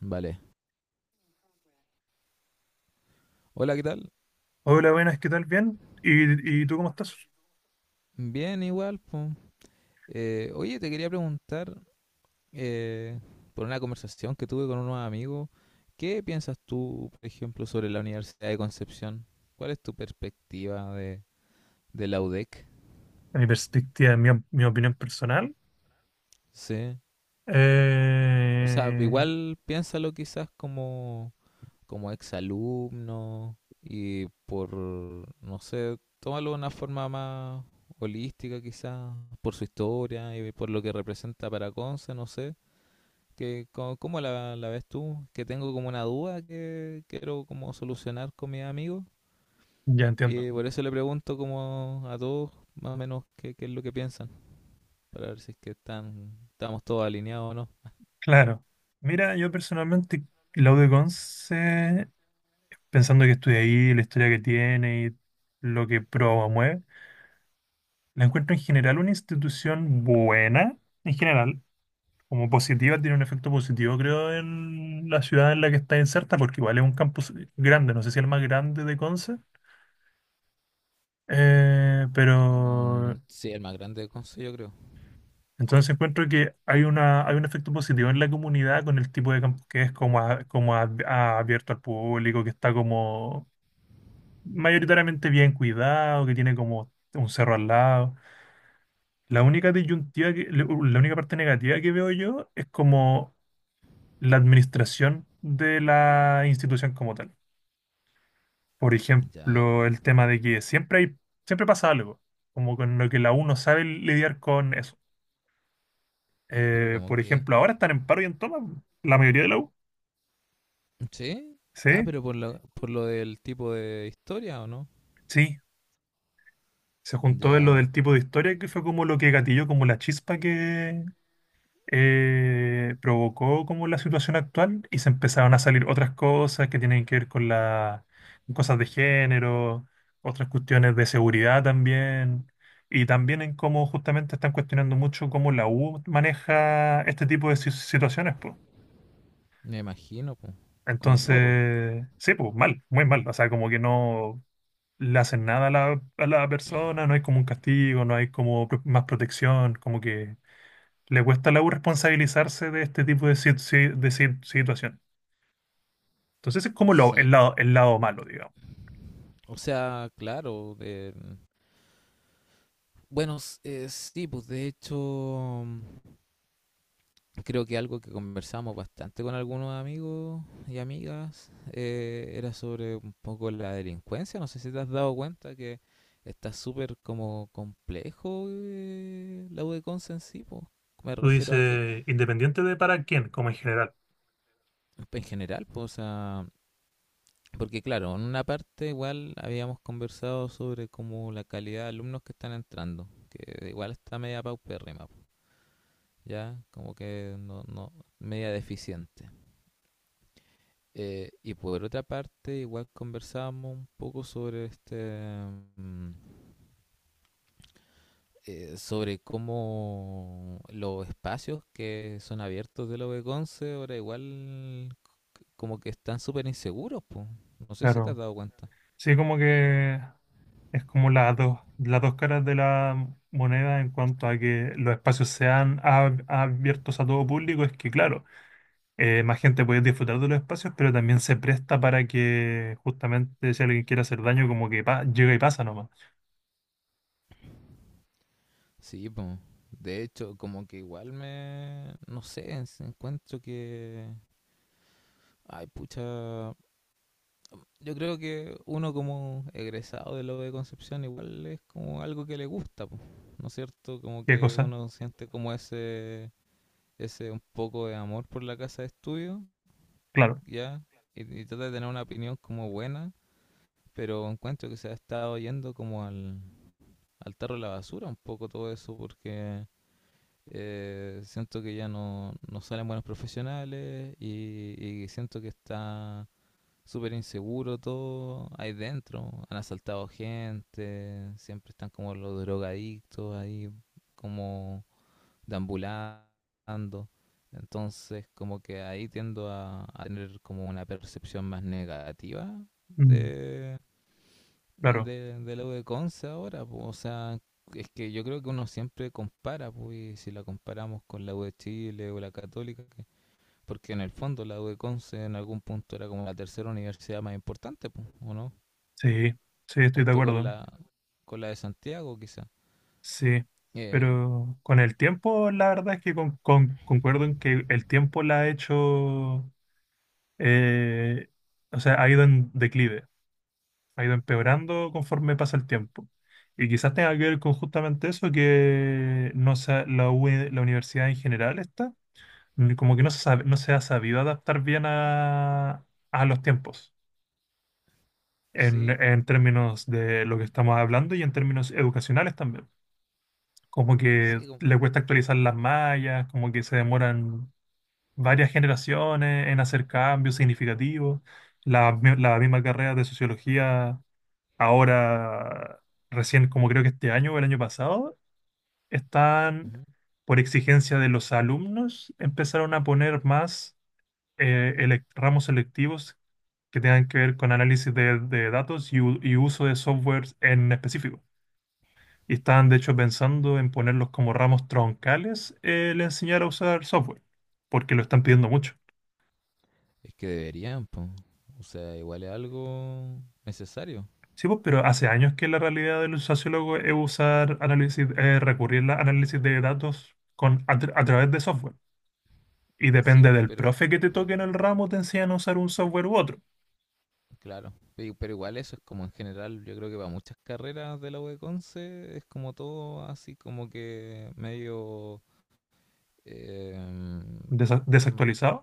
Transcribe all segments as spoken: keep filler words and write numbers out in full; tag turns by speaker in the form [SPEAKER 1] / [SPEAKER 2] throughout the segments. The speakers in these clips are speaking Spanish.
[SPEAKER 1] Vale. Hola, ¿qué tal?
[SPEAKER 2] Hola, buenas, ¿qué tal? Bien. ¿Y, y tú cómo estás?
[SPEAKER 1] Bien, igual, po. Eh, oye, te quería preguntar eh, por una conversación que tuve con unos amigos. ¿Qué piensas tú, por ejemplo, sobre la Universidad de Concepción? ¿Cuál es tu perspectiva de, de la U DEC?
[SPEAKER 2] En mi perspectiva, en mi, op- mi opinión personal,
[SPEAKER 1] Sí. O, o sea,
[SPEAKER 2] eh,
[SPEAKER 1] igual piénsalo quizás como, como exalumno y por, no sé, tómalo de una forma más holística quizás, por su historia y por lo que representa para Conce, no sé. que co- ¿Cómo la, la ves tú? Que tengo como una duda que quiero como solucionar con mis amigos,
[SPEAKER 2] ya entiendo.
[SPEAKER 1] y por eso le pregunto como a todos más o menos qué, qué es lo que piensan para ver si es que están, estamos todos alineados o no.
[SPEAKER 2] Claro. Mira, yo personalmente, Claudio Conce, pensando que estudia ahí, la historia que tiene y lo que promueve, la encuentro en general una institución buena, en general, como positiva, tiene un efecto positivo, creo, en la ciudad en la que está inserta, porque igual es un campus grande, no sé si el más grande de Conce. Eh,
[SPEAKER 1] Mm,
[SPEAKER 2] pero
[SPEAKER 1] sí, el más grande del consejo yo creo.
[SPEAKER 2] entonces encuentro que hay una, hay un efecto positivo en la comunidad con el tipo de campus que es como, a- como a- a- abierto al público, que está como mayoritariamente bien cuidado, que tiene como un cerro al lado. La única disyuntiva que- la única parte negativa que veo yo es como la administración de la institución como tal. Por
[SPEAKER 1] Ya,
[SPEAKER 2] ejemplo, el tema de que siempre hay, siempre pasa algo, como con lo que la U no sabe lidiar con eso.
[SPEAKER 1] pero
[SPEAKER 2] Eh,
[SPEAKER 1] como
[SPEAKER 2] por
[SPEAKER 1] que...
[SPEAKER 2] ejemplo, ahora están en paro y en toma la mayoría de la U.
[SPEAKER 1] ¿Sí? Ah,
[SPEAKER 2] Sí,
[SPEAKER 1] pero por lo, por lo del tipo de historia o no.
[SPEAKER 2] sí. Se juntó en lo
[SPEAKER 1] Ya,
[SPEAKER 2] del tipo de historia que fue como lo que gatilló, como la chispa que eh, provocó como la situación actual y se empezaron a salir otras cosas que tienen que ver con las cosas de género, otras cuestiones de seguridad también. Y también en cómo justamente están cuestionando mucho cómo la U maneja este tipo de si- situaciones, pues.
[SPEAKER 1] me imagino, pues, como el forro.
[SPEAKER 2] Entonces, sí, pues mal, muy mal. O sea, como que no le hacen nada a la, a la persona, no hay como un castigo, no hay como pro- más protección, como que le cuesta a la U responsabilizarse de este tipo de, sit- si- de sit- situación. Entonces es como lo, el
[SPEAKER 1] Sí,
[SPEAKER 2] lado, el lado malo, digamos.
[SPEAKER 1] o sea, claro, de... Bueno, s- eh, sí, pues de hecho, mm, creo que algo que conversamos bastante con algunos amigos y amigas, eh, era sobre un poco la delincuencia. No sé si te has dado cuenta que está súper como complejo, eh, la U en sí, pues. Me
[SPEAKER 2] Tú
[SPEAKER 1] refiero a que
[SPEAKER 2] dices, independiente de para quién, como en general.
[SPEAKER 1] en general, pues, o sea, porque claro, en una parte igual habíamos conversado sobre como la calidad de alumnos que están entrando, que igual está media paupérrima, ya como que no, no... media deficiente. Eh, y por otra parte, igual conversábamos un poco sobre este, mm, eh, sobre cómo los espacios que son abiertos de la V once ahora igual como que están súper inseguros, pues. No sé si te has
[SPEAKER 2] Claro.
[SPEAKER 1] dado cuenta.
[SPEAKER 2] Sí, como que es como las dos, las dos caras de la moneda en cuanto a que los espacios sean ab- abiertos a todo público, es que claro. Eh, más gente puede disfrutar de los espacios, pero también se presta para que justamente si alguien quiere hacer daño, como que pa- llega y pasa nomás.
[SPEAKER 1] Sí, pues. De hecho, como que igual me, no sé, encuentro que... ay, pucha, yo creo que uno como egresado de lo de Concepción igual es como algo que le gusta, po, ¿no es cierto? Como
[SPEAKER 2] ¿Qué
[SPEAKER 1] que
[SPEAKER 2] cosa?
[SPEAKER 1] uno siente como ese, ese un poco de amor por la casa de estudio,
[SPEAKER 2] Claro.
[SPEAKER 1] ¿ya? Y, y trata de tener una opinión como buena, pero encuentro que se ha estado yendo como al, al tarro de la basura un poco todo eso porque, eh, siento que ya no, no salen buenos profesionales y, y siento que está súper inseguro todo ahí dentro. Han asaltado gente, siempre están como los drogadictos ahí, como deambulando. Entonces, como que ahí tiendo a, a tener como una percepción más negativa
[SPEAKER 2] Mm,
[SPEAKER 1] de,
[SPEAKER 2] claro.
[SPEAKER 1] de, de lo de Conce ahora, po. O sea, es que yo creo que uno siempre compara, pues, y si la comparamos con la U de Chile o la Católica, porque en el fondo la U de Conce en algún punto era como la tercera universidad más importante, pues, ¿o no?
[SPEAKER 2] Sí, sí, estoy de
[SPEAKER 1] Junto con
[SPEAKER 2] acuerdo.
[SPEAKER 1] la, con la de Santiago, quizá.
[SPEAKER 2] Sí.
[SPEAKER 1] Eh,
[SPEAKER 2] Pero con el tiempo, la verdad es que con- con- concuerdo en que el tiempo la ha hecho, eh, o sea, ha ido en declive, ha ido empeorando conforme pasa el tiempo. Y quizás tenga que ver con justamente eso, que no sé, la, U- la universidad en general está n- como que no se sabe- no se ha sabido adaptar bien a, a los tiempos, en,
[SPEAKER 1] sí,
[SPEAKER 2] en términos de lo que estamos hablando y en términos educacionales también. Como que
[SPEAKER 1] sí. Como...
[SPEAKER 2] le cuesta actualizar las mallas, como que se demoran varias generaciones en hacer cambios significativos. La, mi- la misma carrera de sociología, ahora recién, como creo que este año o el año pasado, están,
[SPEAKER 1] ujú.
[SPEAKER 2] por exigencia de los alumnos, empezaron a poner más eh, elec- ramos selectivos que tengan que ver con análisis de, de datos y, u- y uso de software en específico. Y estaban de hecho pensando en ponerlos como ramos troncales el enseñar a usar software, porque lo están pidiendo mucho.
[SPEAKER 1] Es que deberían, pues. O sea, igual es algo necesario.
[SPEAKER 2] Sí, pues, pero hace años que la realidad del sociólogo es usar análisis, eh, recurrir al análisis de datos con, a, tra- a través de software. Y
[SPEAKER 1] Sí,
[SPEAKER 2] depende
[SPEAKER 1] pues,
[SPEAKER 2] del
[SPEAKER 1] pero
[SPEAKER 2] profe que te toque en el ramo, te enseñan a usar un software u otro.
[SPEAKER 1] claro. Pe- Pero igual eso es como en general, yo creo que para muchas carreras de la U de Conce es como todo así como que medio...
[SPEAKER 2] Desa-
[SPEAKER 1] em,
[SPEAKER 2] desactualizado.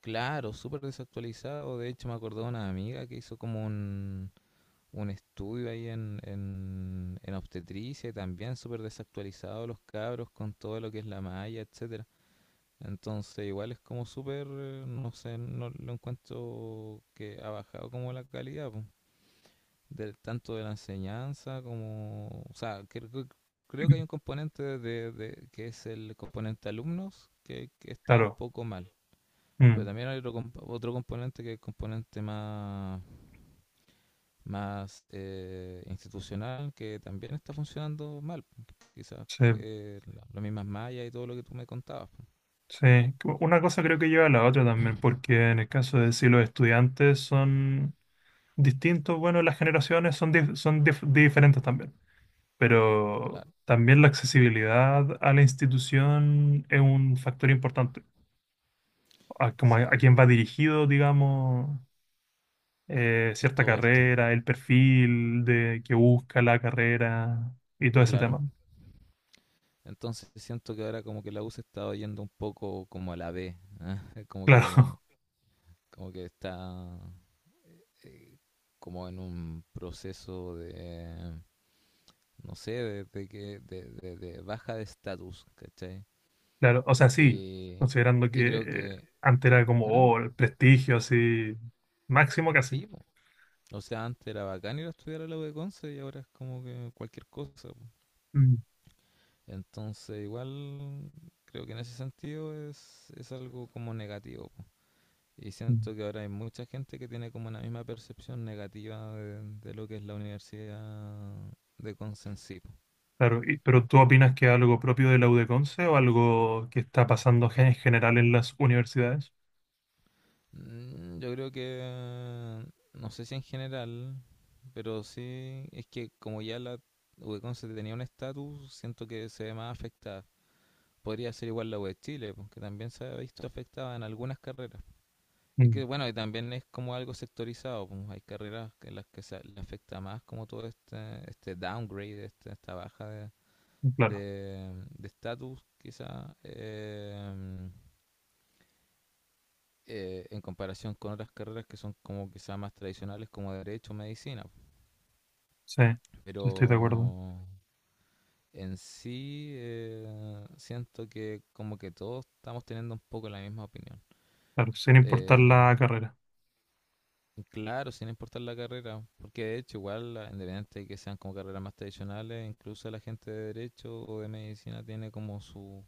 [SPEAKER 1] claro, súper desactualizado. De hecho, me acordé de una amiga que hizo como un, un estudio ahí en, en, en obstetricia, y también súper desactualizado los cabros con todo lo que es la malla, etcétera. Entonces, igual es como súper, eh, no sé, no lo encuentro, que ha bajado como la calidad, po, del, tanto de la enseñanza como, o sea, creo, que creo que hay un componente de, de- que es el componente alumnos que, que está un
[SPEAKER 2] Claro,
[SPEAKER 1] poco mal, pero
[SPEAKER 2] mm,
[SPEAKER 1] también hay otro, comp- otro componente que es el componente más, más, eh, institucional, que también está funcionando mal. Quizás
[SPEAKER 2] sí,
[SPEAKER 1] que la- las mismas mallas y todo lo que tú me contabas, pues.
[SPEAKER 2] sí. Una cosa creo que lleva a la otra también, porque en el caso de si los estudiantes son distintos, bueno, las generaciones son, dif- son dif- diferentes también, pero
[SPEAKER 1] Claro,
[SPEAKER 2] también la accesibilidad a la institución es un factor importante, a, como a,
[SPEAKER 1] sí,
[SPEAKER 2] a quién va dirigido, digamos, eh, cierta
[SPEAKER 1] todo esto,
[SPEAKER 2] carrera, el perfil de que busca la carrera y todo ese
[SPEAKER 1] claro.
[SPEAKER 2] tema.
[SPEAKER 1] Entonces siento que ahora como que la U se está yendo un poco como a la B, ¿eh? Como que,
[SPEAKER 2] Claro,
[SPEAKER 1] como que está, eh, como en un proceso de, no sé, de, de que, de, de- de baja de estatus, ¿cachai?
[SPEAKER 2] claro, o sea, sí,
[SPEAKER 1] Y,
[SPEAKER 2] considerando
[SPEAKER 1] y
[SPEAKER 2] que
[SPEAKER 1] creo
[SPEAKER 2] eh,
[SPEAKER 1] que...
[SPEAKER 2] antes era como
[SPEAKER 1] ¿Mm?
[SPEAKER 2] oh, el prestigio así máximo casi.
[SPEAKER 1] Sí, po. O sea, antes era bacán ir a estudiar a la U de Conce y ahora es como que cualquier cosa, po.
[SPEAKER 2] Mm,
[SPEAKER 1] Entonces, igual creo que en ese sentido es, es algo como negativo, po. Y siento
[SPEAKER 2] mm.
[SPEAKER 1] que ahora hay mucha gente que tiene como una misma percepción negativa de, de lo que es la universidad de Conce en sí, po.
[SPEAKER 2] Claro, y pero ¿tú opinas que es algo propio de la UdeConce o algo que está pasando gen- en general en las universidades?
[SPEAKER 1] Mm, yo creo que, no sé si en general, pero sí, es que como ya la U E CON tenía un estatus, siento que se ve más afectada. Podría ser igual la U E Chile, po, que también se ha visto afectada en algunas carreras. Es
[SPEAKER 2] Mm,
[SPEAKER 1] que, bueno, y también es como algo sectorizado, pues hay carreras que- en las que se le afecta más como todo este, este downgrade, este- esta baja de
[SPEAKER 2] claro,
[SPEAKER 1] de de estatus, quizá. Em, eh, en comparación con otras carreras que son como quizás más tradicionales, como derecho o medicina.
[SPEAKER 2] sí,
[SPEAKER 1] Pero
[SPEAKER 2] sí, estoy de acuerdo.
[SPEAKER 1] en sí, eh, siento que como que todos estamos teniendo un poco la misma opinión.
[SPEAKER 2] Claro, sin importar
[SPEAKER 1] Eh,
[SPEAKER 2] la carrera.
[SPEAKER 1] claro, sin importar la carrera, porque de hecho igual, la- independiente de que sean como carreras más tradicionales, incluso la gente de derecho o de medicina tiene como su,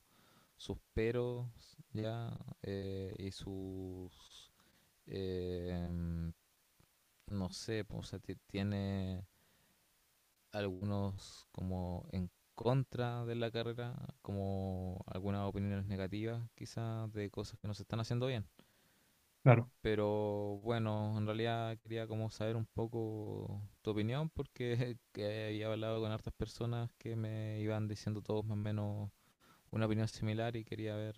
[SPEAKER 1] sus peros, ya, eh, y sus... eh, no sé, pues, o sea, ti- tiene algunos como en contra de la carrera, como algunas opiniones negativas quizás de cosas que no se están haciendo bien.
[SPEAKER 2] Claro,
[SPEAKER 1] Pero bueno, en realidad quería como saber un poco tu opinión, porque que había hablado con hartas personas que me iban diciendo todos más o menos una opinión similar y quería ver,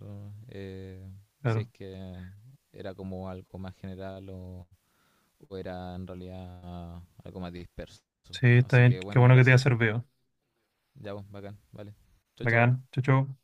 [SPEAKER 1] eh, si es
[SPEAKER 2] claro.
[SPEAKER 1] que era como algo más general o, o era en realidad algo más disperso.
[SPEAKER 2] Sí, está
[SPEAKER 1] Así
[SPEAKER 2] bien.
[SPEAKER 1] que
[SPEAKER 2] Qué
[SPEAKER 1] bueno,
[SPEAKER 2] bueno que te haya
[SPEAKER 1] gracias, pues.
[SPEAKER 2] servido.
[SPEAKER 1] Ya, pues, bacán, vale. Chao, chao.
[SPEAKER 2] Bacán. Chau, chau.